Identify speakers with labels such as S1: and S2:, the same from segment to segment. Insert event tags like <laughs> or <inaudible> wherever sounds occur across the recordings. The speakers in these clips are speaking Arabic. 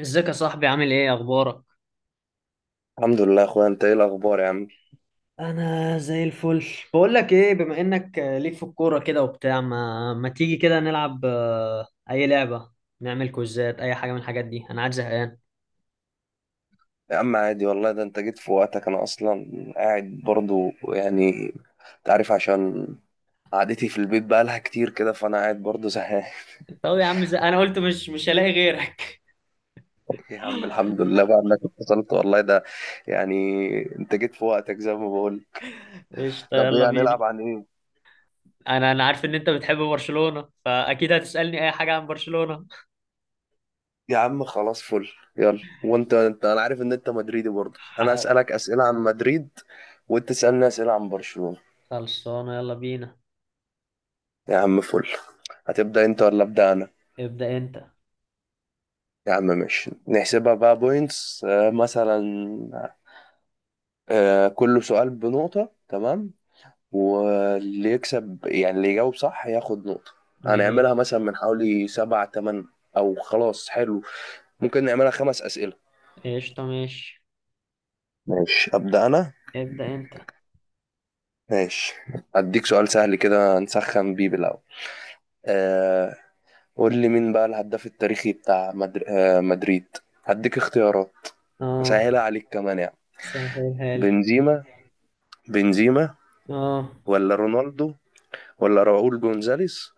S1: ازيك يا صاحبي؟ عامل ايه، اخبارك؟
S2: الحمد لله يا اخويا، انت ايه الاخبار يا عم؟
S1: انا زي الفل. بقول لك ايه، بما انك ليك في الكوره كده وبتاع، ما تيجي كده نلعب اي لعبه، نعمل كوزات اي حاجه من الحاجات دي، انا قاعد زهقان.
S2: يا عم عادي والله، ده انت جيت في وقتك. انا اصلا قاعد برضو، انت عارف، عشان قعدتي في البيت بقالها كتير كده، فانا قاعد برضو زهقان.
S1: طب يا عم انا قلت مش هلاقي غيرك.
S2: <laughs> يا عم الحمد
S1: <laughs>
S2: لله بقى انك اتصلت والله، ده يعني انت جيت في وقتك زي ما بقول.
S1: قشطه،
S2: طب
S1: يلا
S2: ايه
S1: بينا.
S2: هنلعب؟ عن ايه؟
S1: انا عارف ان انت بتحب برشلونه، فاكيد هتسالني اي حاجه عن برشلونه.
S2: يا عم خلاص، فل. يلا، وانت انا عارف ان انت مدريدي برضو، انا
S1: ح-
S2: اسالك اسئله عن مدريد، وانت تسالني اسئله عن برشلونة.
S1: خلصانه، يلا بينا.
S2: يا عم فل. هتبدا انت ولا ابدا انا؟
S1: ابدا انت.
S2: يا عم ماشي، نحسبها بقى بوينتس مثلا. كل سؤال بنقطة، تمام؟ واللي يكسب، يعني اللي يجاوب صح، ياخد نقطة.
S1: ماشي،
S2: هنعملها مثلا من حوالي سبعة تمن، أو خلاص حلو، ممكن نعملها خمس أسئلة.
S1: قشطه، ماشي.
S2: ماشي، أبدأ أنا.
S1: ابدا انت.
S2: ماشي، أديك سؤال سهل كده نسخن بيه بالأول. آه قول لي مين بقى الهداف التاريخي بتاع مدريد؟ هديك اختيارات
S1: اه،
S2: أسهلها عليك كمان يعني.
S1: سهلها لي.
S2: بنزيما، بنزيما
S1: اه،
S2: ولا رونالدو، ولا راؤول جونزاليس،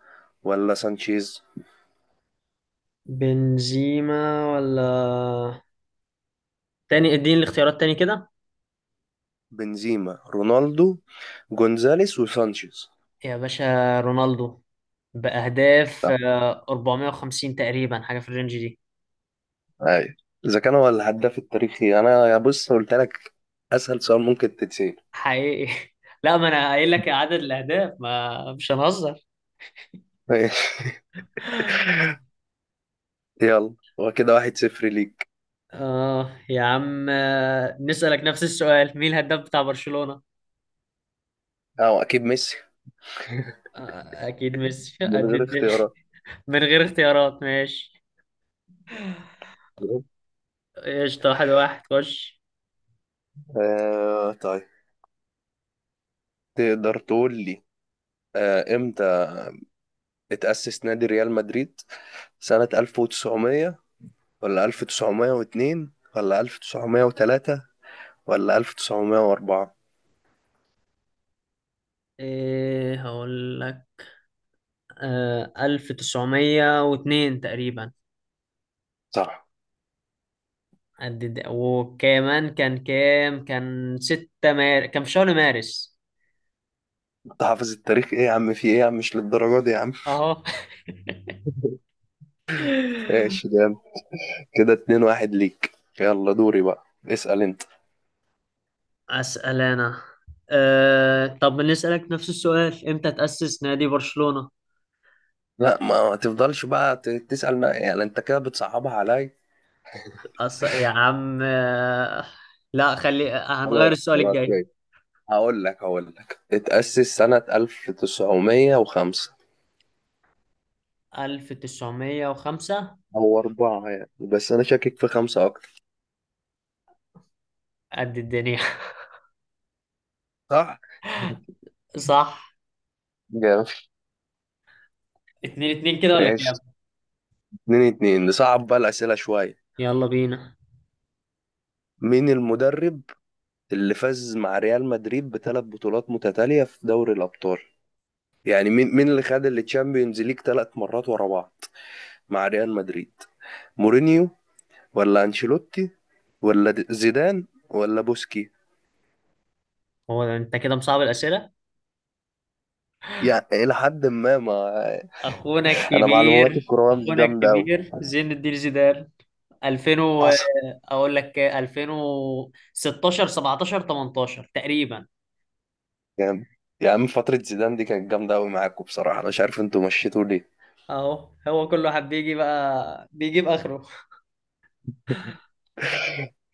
S2: ولا سانشيز؟
S1: بنزيما ولا تاني، اديني الاختيارات تاني كده.
S2: بنزيما، رونالدو، جونزاليس، وسانشيز.
S1: يا باشا، رونالدو، بأهداف
S2: صح،
S1: 450 تقريبا، حاجة في الرينج دي.
S2: ايوه. اذا كان هو الهداف التاريخي، انا يا بص قلت لك اسهل سؤال ممكن تتسال.
S1: حقيقي. <laughs> لا، ما انا قايل لك عدد الأهداف، ما مش هنهزر.
S2: ماشي. <laughs> يلا، هو كده واحد صفر ليك.
S1: اه يا عم، نسألك نفس السؤال، مين الهداف بتاع برشلونة؟
S2: اه اكيد ميسي.
S1: اكيد ميسي، <laughs>
S2: من
S1: قد
S2: غير
S1: الدنيا.
S2: اختيارات.
S1: من غير اختيارات، ماشي. قشطة، 1-1، خش.
S2: آه طيب، تقدر تقول لي، امتى اتأسس نادي ريال مدريد؟ سنة 1900 ولا 1902 ولا 1903 ولا 1904؟
S1: ايه هقول لك؟ 1902 تقريبا.
S2: صح.
S1: قد ده. وكمان كان في شهر مارس.
S2: انت حافظ التاريخ ايه يا عم، في ايه يا عم، مش للدرجة دي يا عم.
S1: أهو.
S2: <laughs> ماشي،
S1: <laughs>
S2: ده انت كده اتنين واحد ليك. يلا دوري بقى، اسأل انت.
S1: أسأل أنا. طب نسألك نفس السؤال، إمتى تأسس نادي برشلونة؟
S2: لا ما تفضلش بقى تسأل، ما يعني انت كده بتصعبها عليا.
S1: يا عم، لا خلي، هنغير
S2: خلاص
S1: السؤال
S2: خلاص
S1: الجاي.
S2: ماشي، هقول لك اتأسس سنة 1905.
S1: 1905.
S2: هو أربعة يعني، بس انا شاكك في خمسة اكتر.
S1: قد الدنيا.
S2: صح. <laughs>
S1: <laughs> صح.
S2: جامد.
S1: 2-2 كده ولا
S2: ايش؟
S1: كام؟
S2: اتنين اتنين، نصعب بقى الأسئلة شوية.
S1: يلا بينا.
S2: مين المدرب اللي فاز مع ريال مدريد بثلاث بطولات متتالية في دوري الأبطال؟ يعني مين اللي خد التشامبيونز ليج ثلاث مرات ورا بعض مع ريال مدريد؟ مورينيو، ولا أنشيلوتي، ولا زيدان، ولا بوسكي؟
S1: هو أنت كده مصعب الأسئلة؟
S2: يعني إلى حد ما.
S1: اخونا
S2: أنا معلوماتي
S1: الكبير،
S2: الكروية مش
S1: اخونا
S2: جامدة أوي.
S1: الكبير زين الدين زيدان. 2000 و...
S2: حصل.
S1: اقول لك 2016 17 18 تقريبا.
S2: يعني يا عم فترة زيدان دي كانت جامدة أوي معاكم بصراحة، أنا مش عارف أنتوا مشيتوا ليه.
S1: اهو، هو كل واحد بيجي بقى بيجيب اخره.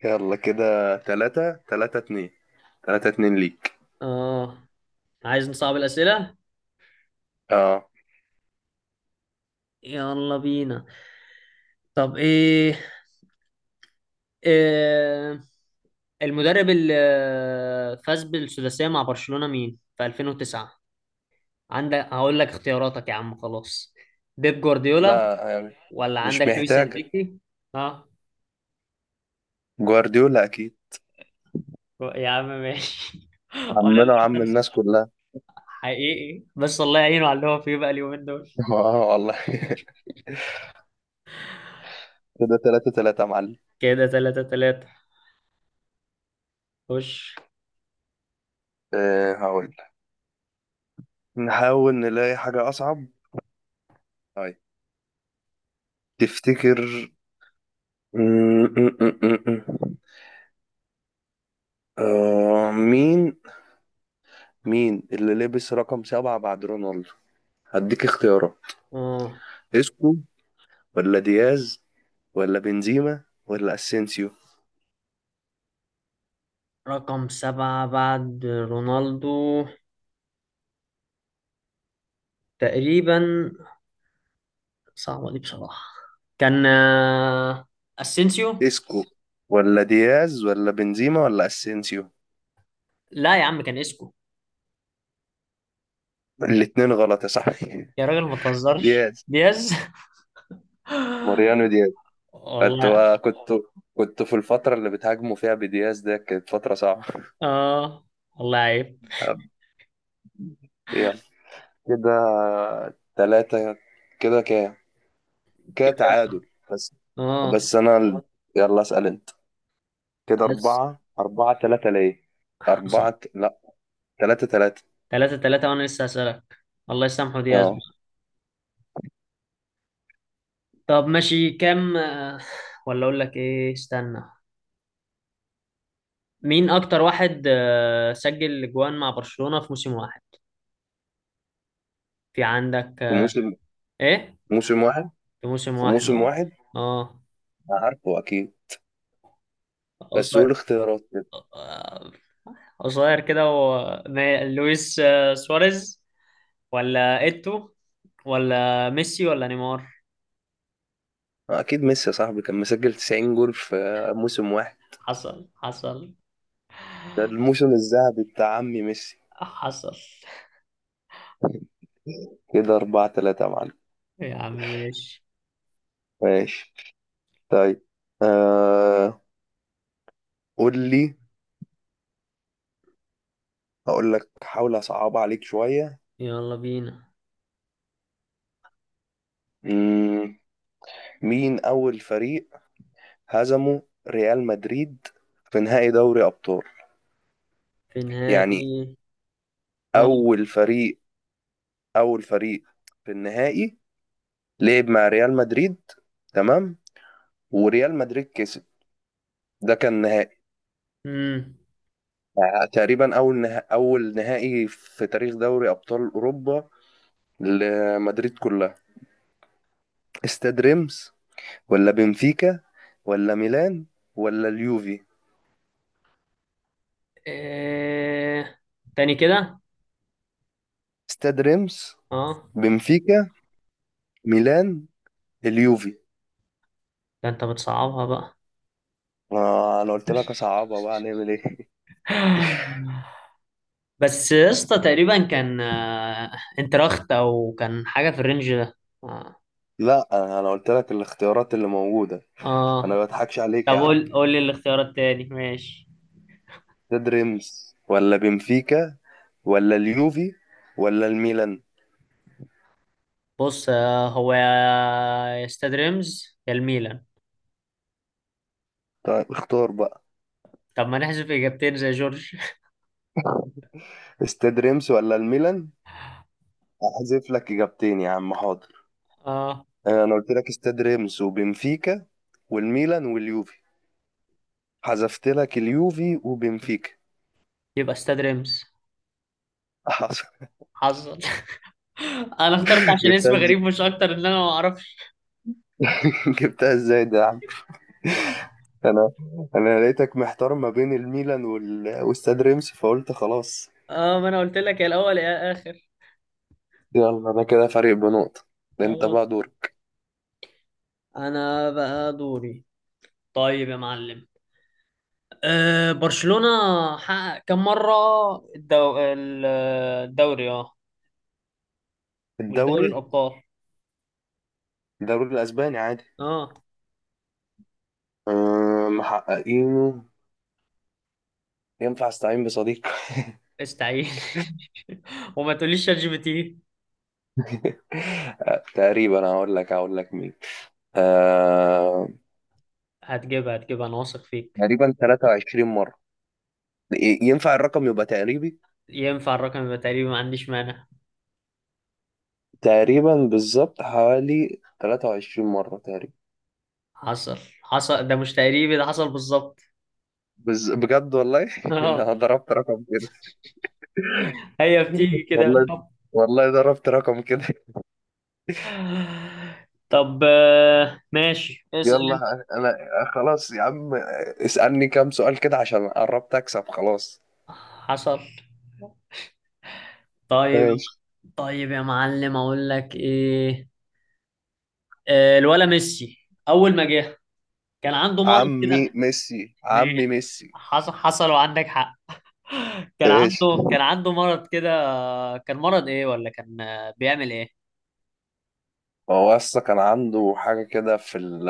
S2: يلا كده تلاتة اتنين، تلاتة اتنين ليك.
S1: اه، عايز نصعب الاسئله،
S2: اه.
S1: يلا بينا. طب إيه... المدرب اللي فاز بالسداسيه مع برشلونه، مين في 2009؟ عندك، هقول لك اختياراتك يا عم خلاص، بيب جوارديولا،
S2: لا يعني،
S1: ولا
S2: مش
S1: عندك لويس
S2: محتاجة.
S1: انريكي؟ اه
S2: جوارديولا أكيد،
S1: يا عم، ماشي، <laughs> ولا
S2: عمنا وعم
S1: لويس.
S2: الناس كلها.
S1: حقيقي، بس الله يعينه على اللي هو فيه بقى اليومين دول.
S2: <laughs> اه والله. <laughs> كده تلاتة تلاتة يا معلم.
S1: كده 3-3، خش.
S2: أه هقول لك. نحاول نلاقي حاجة أصعب. طيب، تفتكر، م- م- م- م- م. آه، مين اللي لبس رقم سبعة بعد رونالدو؟ هديك اختيارات.
S1: اه،
S2: اسكو، ولا دياز، ولا بنزيما، ولا اسينسيو؟
S1: رقم سبعة بعد رونالدو، تقريبا، صعبة دي بصراحة. كان اسينسيو.
S2: اسكو، ولا دياز، ولا بنزيما، ولا اسينسيو.
S1: لا يا عم، كان اسكو.
S2: الاتنين غلط يا صاحبي.
S1: يا راجل ما
S2: <laughs>
S1: تهزرش.
S2: دياز.
S1: دياز.
S2: ماريانو.
S1: <laughs>
S2: كنت
S1: والله.
S2: كنت كنت في الفترة اللي بتهاجموا فيها بدياز ده، كانت فترة صعبة.
S1: اه، والله عيب.
S2: يلا كده تلاتة، كده كام؟ كده
S1: كده.
S2: تعادل. بس.
S1: اه،
S2: بس أنا ال... يلا اسأل أنت. كده أربعة تلاتة ليه،
S1: بس.
S2: أربعة ت- لا تلاتة تلاتة.
S1: 3-3 وأنا لسه هسألك. الله يسامحه دياز.
S2: أه.
S1: طب ماشي، كام ولا أقول لك إيه، استنى، مين أكتر واحد سجل أجوان مع برشلونة في موسم واحد؟ في عندك
S2: في موسم،
S1: إيه؟
S2: موسم واحد.
S1: في موسم
S2: في
S1: واحد.
S2: موسم
S1: أه.
S2: واحد.
S1: أه.
S2: أنا عارفه أكيد، بس
S1: قصير.
S2: قول اختيارات كده.
S1: آه، قصير كده لويس سواريز، ولا إيتو، ولا ميسي، ولا نيمار؟
S2: آه، أكيد ميسي يا صاحبي، كان مسجل 90 جول في موسم واحد.
S1: حصل، حصل،
S2: ده الموسم الذهبي بتاع عمي ميسي.
S1: حصل.
S2: كده أربعة تلاتة يا معلم.
S1: يا عم ماشي،
S2: ماشي. طيب، آه، قول لي، هقول لك، حاول اصعب عليك شوية.
S1: يلا بينا.
S2: مم، مين اول فريق هزمه ريال مدريد في نهائي دوري ابطال؟
S1: في
S2: يعني
S1: نهائي. اه.
S2: اول فريق، اول فريق في النهائي لعب مع ريال مدريد، تمام، وريال مدريد كسب. ده كان نهائي،
S1: امم
S2: آه، تقريبا اول نهائي في تاريخ دوري ابطال اوروبا لمدريد كلها. استاد ريمس، ولا بنفيكا، ولا ميلان، ولا اليوفي؟
S1: إيه... تاني كده.
S2: استاد ريمس،
S1: اه،
S2: بنفيكا، ميلان، اليوفي.
S1: ده انت بتصعبها بقى.
S2: آه انا قلت لك اصعبها بقى، هنعمل ايه؟
S1: <gasps> <sighs> بس يا اسطى، تقريبا كان انتراخت او كان حاجه في الرينج ده. اه.
S2: <laughs> لا أنا قلت لك الاختيارات اللي موجوده، انا
S1: آه.
S2: ما بضحكش عليك
S1: طب
S2: يا عم.
S1: قول لي الاختيار التاني، ماشي.
S2: استاد ريمس، ولا بنفيكا، ولا اليوفي، ولا الميلان؟
S1: بص، هو يا، يا استاد ريمز يا الميلان.
S2: طيب اختار بقى.
S1: طب ما نحذف اجابتين زي جورج.
S2: استاد ريمس ولا الميلان؟ احذف لك اجابتين يا عم حاضر.
S1: <laughs> اه.
S2: آه، انا قلت لك استاد ريمس وبنفيكا والميلان واليوفي. حذفت لك اليوفي وبنفيكا.
S1: يبقى استاد ريمز.
S2: <laughs> حصل.
S1: حصل. <laughs> انا اخترت عشان اسم
S2: جبتها.
S1: غريب مش اكتر، ان انا ما اعرفش.
S2: <laughs> جبتها ازاي ده يا عم؟ انا انا لقيتك محتار ما بين الميلان واستاد رمسي، فقلت خلاص.
S1: اه، ما انا قلت لك يا الاول يا اخر.
S2: يلا انا كده فارق بنقطة، ده انت
S1: اه،
S2: بقى دورك.
S1: انا بقى دوري. طيب يا معلم، برشلونة حقق كم مرة الدو... ال- الدوري؟ اه، مش دوري
S2: الدوري،
S1: الأبطال.
S2: الدوري الاسباني عادي.
S1: اه،
S2: أه محققينه. ينفع استعين بصديق؟
S1: استعين. <laughs> وما تقوليش شات جي بي تي.
S2: <laughs> آه، تقريبا، هقول لك مين. أه
S1: هتجيبها هتجيبها، انا واثق فيك.
S2: تقريبا 23 مرة. ينفع الرقم يبقى تقريبي؟
S1: ينفع الرقم يبقى تقريبي، ما عنديش مانع.
S2: تقريبا بالظبط حوالي 23 مرة تقريبا.
S1: حصل، حصل. ده مش تقريبي، ده حصل بالظبط.
S2: بجد والله،
S1: <laughs>
S2: <laughs>
S1: اه،
S2: انا ضربت رقم كده
S1: هي بتيجي كده
S2: والله،
S1: بالحب.
S2: والله ضربت رقم كده.
S1: طب ماشي، اسأل انت.
S2: يلا انا خلاص يا عم، اسألني كام سؤال كده عشان قربت اكسب خلاص.
S1: حصل، طيب.
S2: ماشي.
S1: طيب يا معلم، اقول لك ايه، الولا ميسي اول ما جه كان عنده مرض
S2: عمي
S1: كده.
S2: ميسي، عمي
S1: ما-
S2: ميسي.
S1: حصل، حصل، وعندك حق. كان
S2: ماشي.
S1: عنده كان عنده مرض كده. كان مرض ايه، ولا كان بيعمل ايه؟
S2: هو اصلا كان عنده حاجة كده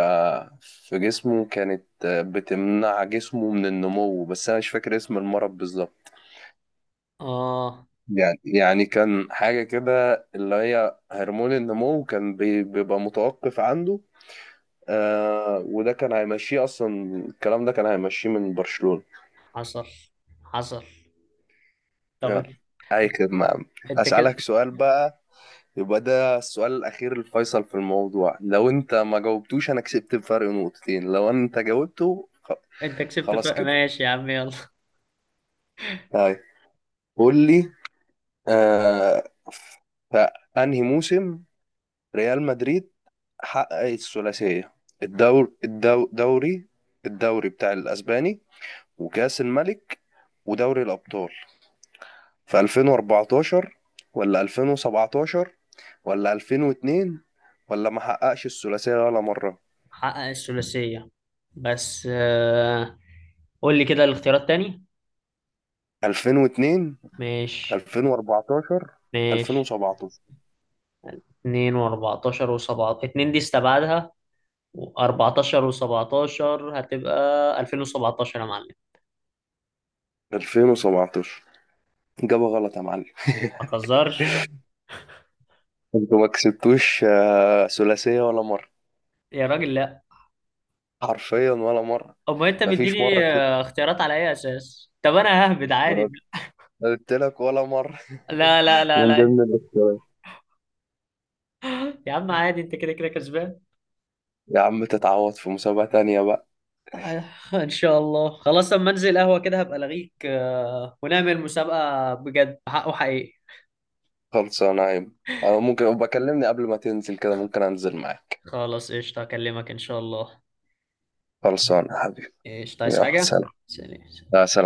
S2: في جسمه، كانت بتمنع جسمه من النمو، بس انا مش فاكر اسم المرض بالظبط.
S1: اه،
S2: يعني كان حاجة كده اللي هي هرمون النمو، كان بيبقى متوقف عنده. آه وده كان هيمشيه اصلا، الكلام ده كان هيمشيه من برشلونة.
S1: حصل، حصل. طب
S2: يلا،
S1: انت،
S2: اي خدمة يا عم.
S1: أنت كده،
S2: اسالك سؤال بقى، يبقى ده السؤال الاخير الفيصل في الموضوع. لو انت ما جاوبتوش انا كسبت بفرق نقطتين، لو انت
S1: انت كسبت
S2: خلاص كده.
S1: ماشي يا عم، يلا.
S2: طيب، قول لي، آه في انهي موسم ريال مدريد حقق الثلاثية، الدوري، الدوري بتاع الاسباني، وكاس الملك، ودوري الابطال؟ في 2014 ولا 2017 ولا 2002، ولا ما حققش الثلاثية ولا مرة؟
S1: حقق الثلاثية، بس قول لي كده الاختيارات تاني.
S2: 2002،
S1: ماشي،
S2: 2014،
S1: ماشي.
S2: 2017.
S1: 2 و14 و17، 2 دي استبعدها، و14 و17، هتبقى 2017 يا معلم.
S2: 2017. إجابة غلط يا معلم،
S1: ما تهزرش،
S2: انتوا ما كسبتوش آه، ثلاثية ولا مرة،
S1: يا راجل لا.
S2: حرفيا ولا مرة.
S1: امال انت
S2: مفيش مرة
S1: مديني
S2: كسبت،
S1: اختيارات على اي اساس؟ طب انا ههبد
S2: ما
S1: عادي.
S2: انا قلت لك ولا مرة.
S1: لا لا
S2: <laughs>
S1: لا
S2: من
S1: لا،
S2: ضمن الاختيارات.
S1: يا عم عادي، انت كده كده كسبان.
S2: يا عم تتعوض في مسابقة تانية بقى.
S1: آه، ان شاء الله، خلاص، لما انزل قهوة كده هبقى الغيك ونعمل مسابقة بجد حق وحقيقي.
S2: خلصانة يا عم. انا ممكن بكلمني قبل ما تنزل كده، ممكن انزل معاك.
S1: خلاص، قشطة، اكلمك ان شاء الله.
S2: خلصانة يا حبيبي،
S1: قشطة، عايز
S2: يلا
S1: حاجة؟
S2: سلام.
S1: سلام.
S2: لا سلام.